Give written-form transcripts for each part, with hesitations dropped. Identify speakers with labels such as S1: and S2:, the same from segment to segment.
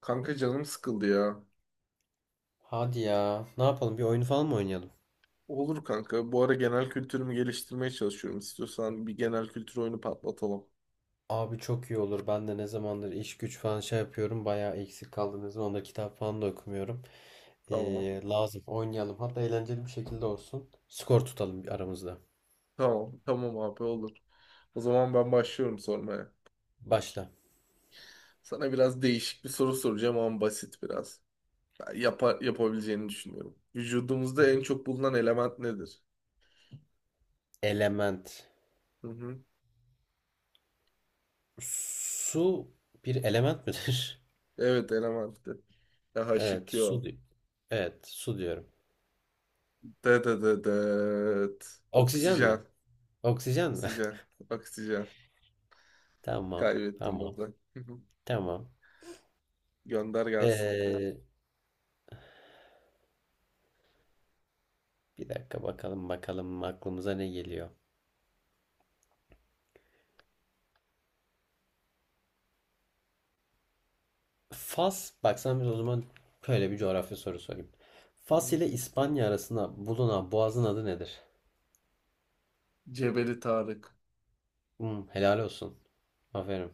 S1: Kanka canım sıkıldı ya.
S2: Hadi ya. Ne yapalım? Bir oyun falan mı oynayalım?
S1: Olur kanka. Bu ara genel kültürümü geliştirmeye çalışıyorum. İstiyorsan bir genel kültür oyunu patlatalım.
S2: Abi çok iyi olur. Ben de ne zamandır iş güç falan şey yapıyorum. Bayağı eksik kaldım. Ne zamandır kitap falan da okumuyorum.
S1: Tamam.
S2: Lazım. Oynayalım. Hatta eğlenceli bir şekilde olsun. Skor tutalım bir aramızda.
S1: Tamam. Tamam abi olur. O zaman ben başlıyorum sormaya.
S2: Başla.
S1: Sana biraz değişik bir soru soracağım ama basit biraz. Ben yapabileceğini düşünüyorum. Vücudumuzda en çok bulunan element nedir?
S2: Element.
S1: Hı hı.
S2: Su bir element midir?
S1: Evet elementti. Daha
S2: Evet.
S1: şık
S2: Su.
S1: yok.
S2: Evet. Su diyorum.
S1: De de de de.
S2: Oksijen mi?
S1: Oksijen.
S2: Oksijen mi?
S1: Oksijen. Oksijen.
S2: Tamam.
S1: Kaybettim
S2: Tamam.
S1: burada.
S2: Tamam.
S1: Gönder gelsin.
S2: Ee, bir dakika bakalım bakalım aklımıza ne geliyor. Fas, bak sana bir o zaman böyle bir coğrafya soru sorayım. Fas
S1: Hı.
S2: ile İspanya arasında bulunan boğazın adı nedir?
S1: Cebeli Tarık.
S2: Helal olsun. Aferin.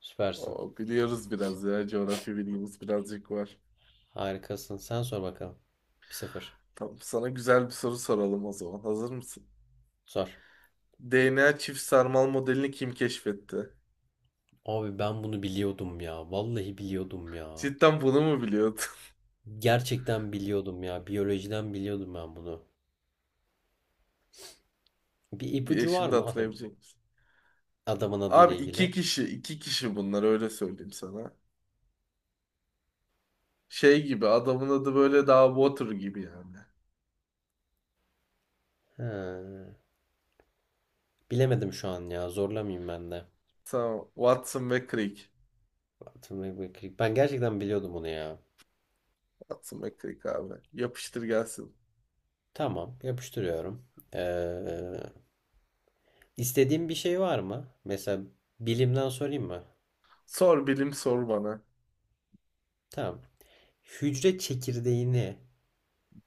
S2: Süpersin.
S1: O, biliyoruz biraz ya. Coğrafya bilgimiz birazcık var.
S2: Harikasın. Sen sor bakalım. 1-0.
S1: Tamam, sana güzel bir soru soralım o zaman. Hazır mısın?
S2: Sor.
S1: DNA çift sarmal modelini kim keşfetti?
S2: Abi ben bunu biliyordum ya. Vallahi biliyordum ya.
S1: Cidden bunu mu biliyordun?
S2: Gerçekten biliyordum ya. Biyolojiden biliyordum ben bunu. Bir
S1: Bir
S2: ipucu var
S1: şimdi
S2: mı
S1: hatırlayabilecek misin?
S2: adamın adı ile
S1: Abi iki
S2: ilgili?
S1: kişi, iki kişi bunlar, öyle söyleyeyim sana. Şey gibi adamın adı böyle, daha Water gibi yani.
S2: He. Bilemedim şu an ya. Zorlamayayım ben de.
S1: Tamam, Watson ve Crick.
S2: Ben gerçekten biliyordum bunu ya.
S1: Watson ve Crick abi. Yapıştır gelsin.
S2: Tamam, yapıştırıyorum. Ee, istediğin bir şey var mı? Mesela bilimden sorayım mı?
S1: Sor bilim, sor bana.
S2: Tamam. Hücre çekirdeğini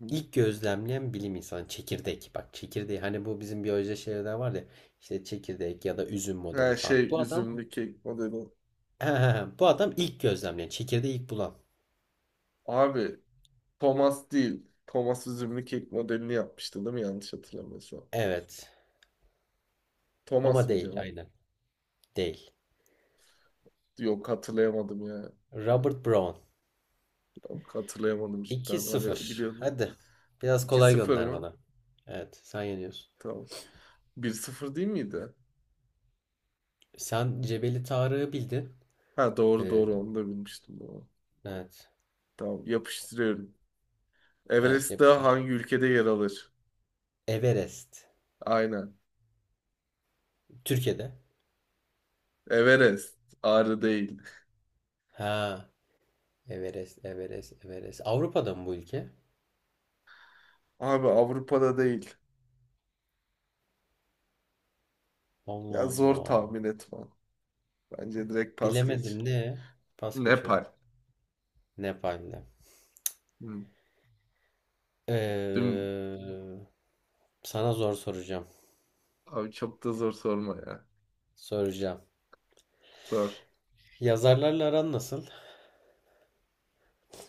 S1: Hı.
S2: ilk gözlemleyen bilim insanı çekirdek. Bak çekirdeği hani bu bizim biyoloji şeylerde var ya. İşte çekirdek ya da üzüm
S1: Her
S2: modeli falan.
S1: şey
S2: Bu adam
S1: üzümlü kek modeli.
S2: bu adam ilk gözlemleyen çekirdeği ilk bulan.
S1: Abi Thomas değil. Thomas üzümlü kek modelini yapmıştı, değil mi? Yanlış hatırlamıyorsam.
S2: Evet. Ama
S1: Thomas mı
S2: değil
S1: cevap?
S2: aynen. Değil.
S1: Yok, hatırlayamadım ya.
S2: Robert Brown.
S1: Yok, hatırlayamadım
S2: 2
S1: cidden. Hani
S2: sıfır.
S1: biliyordum.
S2: Hadi. Biraz
S1: 2
S2: kolay
S1: sıfır
S2: gönder
S1: mı?
S2: bana. Evet sen yeniyorsun.
S1: Tamam. 1-0 değil miydi?
S2: Sen Cebeli Tarık'ı bildin.
S1: Ha, doğru
S2: Ee,
S1: doğru, onu da bilmiştim. Doğru.
S2: evet.
S1: Tamam, yapıştırıyorum.
S2: Evet
S1: Everest Dağı
S2: yapıştır.
S1: hangi ülkede yer alır?
S2: Everest.
S1: Aynen.
S2: Türkiye'de.
S1: Everest. Ağrı değil.
S2: Ha. Everest, Everest, Everest. Avrupa'da mı bu ülke?
S1: Abi, Avrupa'da değil.
S2: Allah
S1: Ya, zor
S2: Allah.
S1: tahmin etmem. Bence direkt pas geç.
S2: Bilemedim ne? Pas geçiyorum.
S1: Nepal.
S2: Nepal'de.
S1: Hı. Dün...
S2: Ee, sana zor soracağım.
S1: Abi çok da zor sorma ya.
S2: Soracağım.
S1: Zor.
S2: Yazarlarla aran nasıl?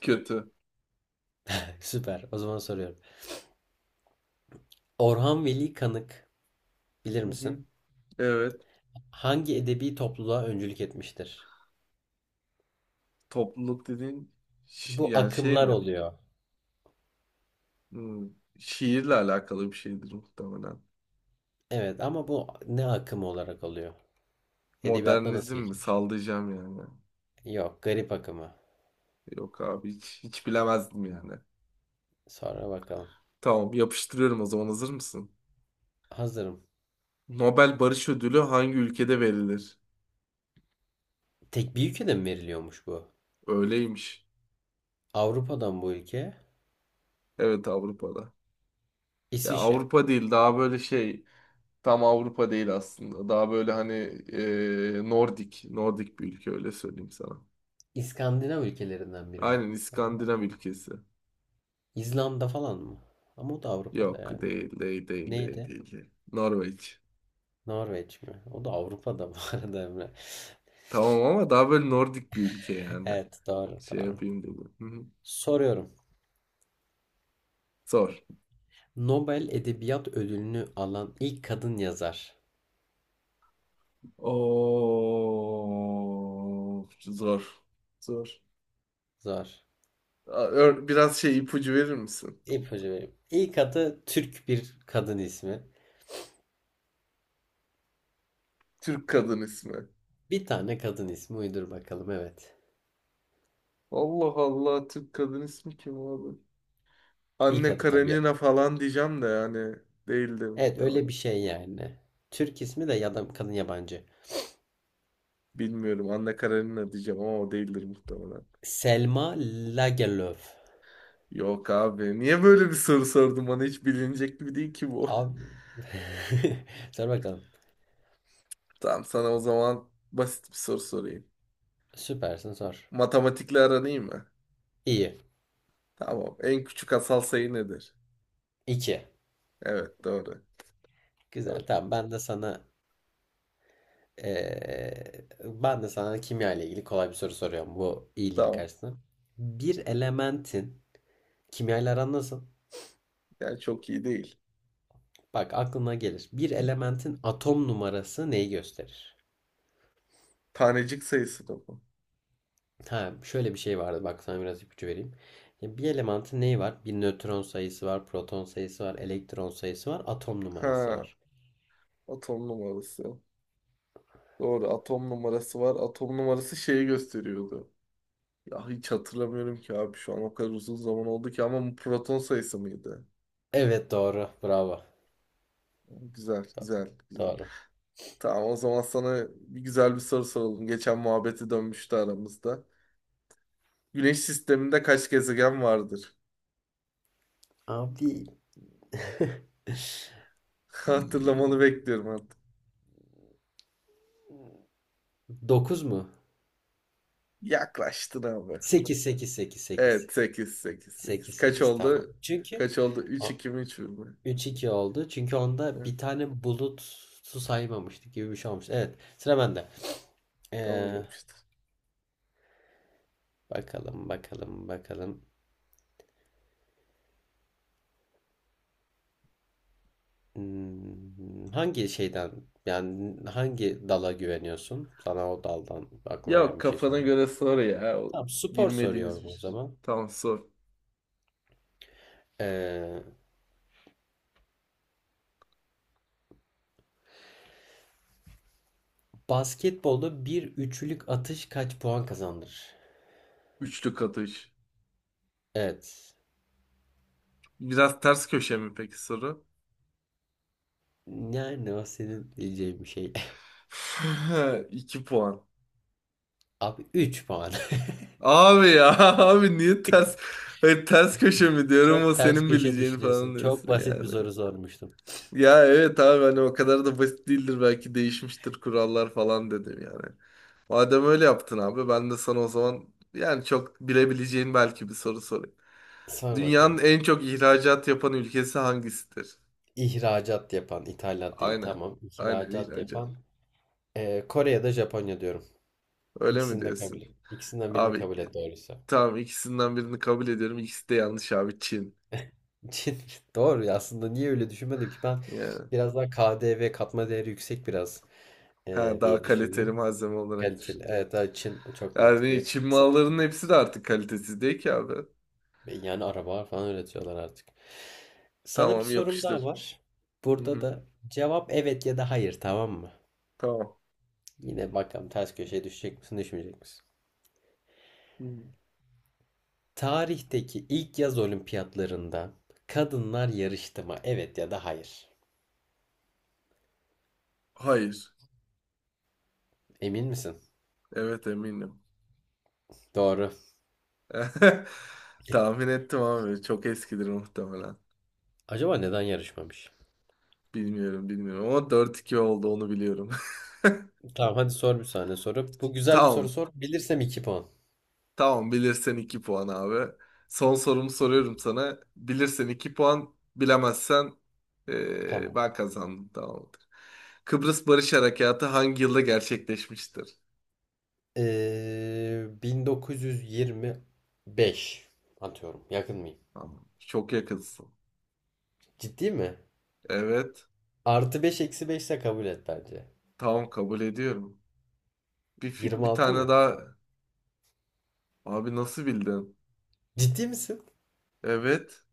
S1: Kötü.
S2: Süper. O zaman soruyorum. Orhan Veli Kanık bilir
S1: Hı hı.
S2: misin?
S1: Evet.
S2: Hangi edebi topluluğa öncülük etmiştir?
S1: Topluluk dediğin
S2: Bu
S1: yani şey
S2: akımlar
S1: mi?
S2: oluyor.
S1: Hmm, Şiirle alakalı bir şeydir muhtemelen.
S2: Evet ama bu ne akımı olarak oluyor? Edebiyatta nasıl
S1: Modernizm mi?
S2: geçmiş?
S1: Sallayacağım yani.
S2: Yok, garip akımı.
S1: Yok abi, hiç, hiç bilemezdim yani.
S2: Sonra bakalım.
S1: Tamam, yapıştırıyorum o zaman, hazır mısın?
S2: Hazırım.
S1: Nobel Barış Ödülü hangi ülkede verilir?
S2: Tek bir ülkede mi veriliyormuş bu?
S1: Öyleymiş.
S2: Avrupa'dan bu ülke.
S1: Evet, Avrupa'da. Ya
S2: İsviçre.
S1: Avrupa değil, daha böyle şey. Tam Avrupa değil aslında. Daha böyle, hani Nordik. Nordik bir ülke, öyle söyleyeyim sana.
S2: İskandinav ülkelerinden biri mi?
S1: Aynen, İskandinav ülkesi.
S2: İzlanda falan mı? Ama o da Avrupa'da
S1: Yok,
S2: yani.
S1: değil değil değil değil
S2: Neydi?
S1: değil değil. Norveç.
S2: Norveç mi? O da Avrupa'da bu arada Emre.
S1: Tamam, ama daha böyle Nordik bir ülke yani.
S2: Evet, doğru,
S1: Şey
S2: doğru.
S1: yapayım dedim. Hı hı.
S2: Soruyorum.
S1: Zor.
S2: Nobel Edebiyat Ödülünü alan ilk kadın yazar.
S1: Oo, zor. Zor.
S2: Zor.
S1: Aa, biraz şey ipucu verir misin?
S2: İpucu vereyim. İlk adı Türk bir kadın ismi.
S1: Türk kadın ismi.
S2: Bir tane kadın ismi uydur bakalım evet.
S1: Allah Allah, Türk kadın ismi kim abi?
S2: İlk
S1: Anne
S2: adı tabii.
S1: Karenina falan diyeceğim de yani değildir
S2: Evet öyle bir
S1: muhtemelen.
S2: şey yani. Türk ismi de ya da kadın yabancı.
S1: Bilmiyorum, Anne Karenina diyeceğim ama o değildir muhtemelen.
S2: Selma Lagerlöf.
S1: Yok abi, niye böyle bir soru sordun? Bana hiç bilinecek gibi değil ki bu.
S2: Abi. Sor bakalım.
S1: Tamam, sana o zaman basit bir soru sorayım.
S2: Süpersin sor.
S1: Matematikle aran iyi mi?
S2: İyi.
S1: Tamam, en küçük asal sayı nedir?
S2: İki.
S1: Evet, doğru. Doğru.
S2: Güzel, tamam. Ben de sana kimya ile ilgili kolay bir soru soruyorum bu iyiliğin
S1: Tamam.
S2: karşısına. Bir elementin kimya ile aran nasıl?
S1: Yani çok iyi değil.
S2: Bak aklına gelir. Bir elementin atom numarası neyi gösterir?
S1: Tanecik sayısı da bu.
S2: Ha, şöyle bir şey vardı. Bak sana biraz ipucu vereyim. Ya, bir elementin neyi var? Bir nötron sayısı var, proton sayısı var, elektron sayısı var, atom numarası
S1: Ha,
S2: var.
S1: atom numarası. Doğru, atom numarası var. Atom numarası şeyi gösteriyordu. Ya, hiç hatırlamıyorum ki abi, şu an o kadar uzun zaman oldu ki, ama bu proton sayısı mıydı?
S2: Evet doğru. Bravo.
S1: Güzel, güzel, güzel.
S2: Doğru.
S1: Tamam, o zaman sana bir güzel bir soru soralım. Geçen muhabbeti dönmüştü aramızda. Güneş sisteminde kaç gezegen vardır?
S2: Abi
S1: Hatırlamanı bekliyorum artık.
S2: 9 mu?
S1: Yaklaştın abi.
S2: Sekiz, sekiz, sekiz, sekiz,
S1: Evet, 8 8 8.
S2: sekiz,
S1: Kaç
S2: sekiz, tamam.
S1: oldu?
S2: Çünkü
S1: Kaç oldu? 3-2 mi, 3 mü?
S2: 3-2 oldu. Çünkü onda
S1: Hı.
S2: bir tane bulut su saymamıştık gibi bir şey olmuş. Evet, sıra bende.
S1: Tamam,
S2: Ee,
S1: yapıştır.
S2: Bakalım, bakalım, bakalım. Hangi şeyden yani hangi dala güveniyorsun? Sana o daldan aklıma
S1: Yok,
S2: gelen bir şey
S1: kafana
S2: sorayım.
S1: göre sor ya. O
S2: Tamam, spor
S1: bilmediğimiz
S2: soruyorum
S1: bir
S2: o
S1: şey.
S2: zaman.
S1: Tamam, sor.
S2: Ee, basketbolda bir üçlük atış kaç puan kazandırır?
S1: Üçlü katı üç.
S2: Evet.
S1: Biraz ters köşe mi peki soru?
S2: Yani o senin diyeceğin bir şey.
S1: 2 puan.
S2: Abi 3 puan.
S1: Abi ya, abi niye ters, hayır, ters köşe mi diyorum, o
S2: Çok ters
S1: senin
S2: köşe
S1: bileceğini
S2: düşünüyorsun.
S1: falan
S2: Çok
S1: diyorsun
S2: basit bir
S1: yani.
S2: soru sormuştum.
S1: Ya evet abi, hani o kadar da basit değildir, belki değişmiştir kurallar falan dedim yani. Madem öyle yaptın abi, ben de sana o zaman yani çok bilebileceğin belki bir soru sorayım.
S2: Sor
S1: Dünyanın
S2: bakalım.
S1: en çok ihracat yapan ülkesi hangisidir?
S2: İhracat yapan, ithalat değil
S1: Aynen.
S2: tamam.
S1: Aynen
S2: İhracat
S1: ihracat.
S2: yapan. Kore ya da Japonya diyorum.
S1: Öyle mi
S2: İkisini de
S1: diyorsun?
S2: kabul et. İkisinden birini
S1: Abi,
S2: kabul et doğruysa.
S1: tamam, ikisinden birini kabul ediyorum. İkisi de yanlış abi, Çin.
S2: Doğru ya aslında niye öyle düşünmedim ki ben
S1: Yani,
S2: biraz daha KDV katma değeri yüksek biraz
S1: ha, daha
S2: diye
S1: kaliteli
S2: düşündüm.
S1: malzeme olarak
S2: Kaliteli.
S1: düşündüm.
S2: Evet daha Çin çok mantıklı.
S1: Yani Çin
S2: Sa-
S1: mallarının hepsi de artık kalitesiz değil ki abi.
S2: Yani araba falan üretiyorlar artık. Sana bir
S1: Tamam,
S2: sorum daha
S1: yapıştır.
S2: var.
S1: Hı
S2: Burada
S1: hı,
S2: da cevap evet ya da hayır, tamam mı?
S1: tamam.
S2: Yine bakalım ters köşeye düşecek misin düşmeyecek misin?
S1: Hı hı.
S2: Tarihteki ilk yaz olimpiyatlarında kadınlar yarıştı mı? Evet ya da hayır.
S1: Hayır.
S2: Emin misin?
S1: Evet, eminim.
S2: Doğru.
S1: Tahmin ettim abi. Çok eskidir muhtemelen.
S2: Acaba neden yarışmamış?
S1: Bilmiyorum, bilmiyorum, ama 4-2 oldu, onu biliyorum.
S2: Tamam, hadi sor bir saniye soru. Bu güzel bir soru
S1: Tamam.
S2: sor. Bilirsem 2 puan.
S1: Tamam, bilirsen 2 puan abi. Son sorumu soruyorum sana. Bilirsen 2 puan, bilemezsen
S2: Tamam.
S1: ben kazandım. Tamamdır. Kıbrıs Barış Harekatı hangi yılda gerçekleşmiştir?
S2: 1925 atıyorum. Yakın mıyım?
S1: Tamam. Çok yakınsın.
S2: Ciddi mi?
S1: Evet.
S2: Artı 5 eksi 5 ise kabul et bence.
S1: Tamam, kabul ediyorum. Bir
S2: 26
S1: tane
S2: mı?
S1: daha. Abi nasıl bildin?
S2: Ciddi misin?
S1: Evet.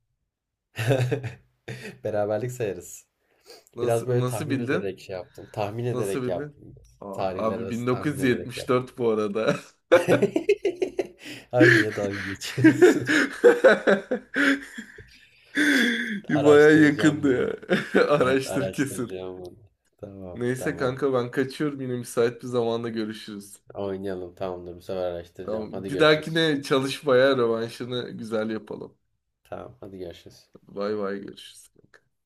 S2: Beraberlik sayarız. Biraz
S1: Nasıl
S2: böyle
S1: nasıl
S2: tahmin
S1: bildin?
S2: ederek şey yaptım. Tahmin
S1: Nasıl
S2: ederek
S1: bildin?
S2: yaptım.
S1: Aa,
S2: Tarihler
S1: abi,
S2: arası tahmin ederek yaptım.
S1: 1974 bu arada.
S2: Abi niye dalga geçiyorsun?
S1: Baya
S2: Araştıracağım
S1: yakındı
S2: bunu.
S1: ya.
S2: Evet
S1: Araştır kesin.
S2: araştıracağım bunu. Tamam,
S1: Neyse
S2: tamam.
S1: kanka, ben kaçıyorum, yine müsait bir zamanda görüşürüz.
S2: Oynayalım, tamamdır, bu sefer araştıracağım.
S1: Tamam.
S2: Hadi
S1: Bir
S2: görüşürüz.
S1: dahakine çalışmaya rövanşını güzel yapalım.
S2: Tamam, hadi görüşürüz.
S1: Bay bay, görüşürüz.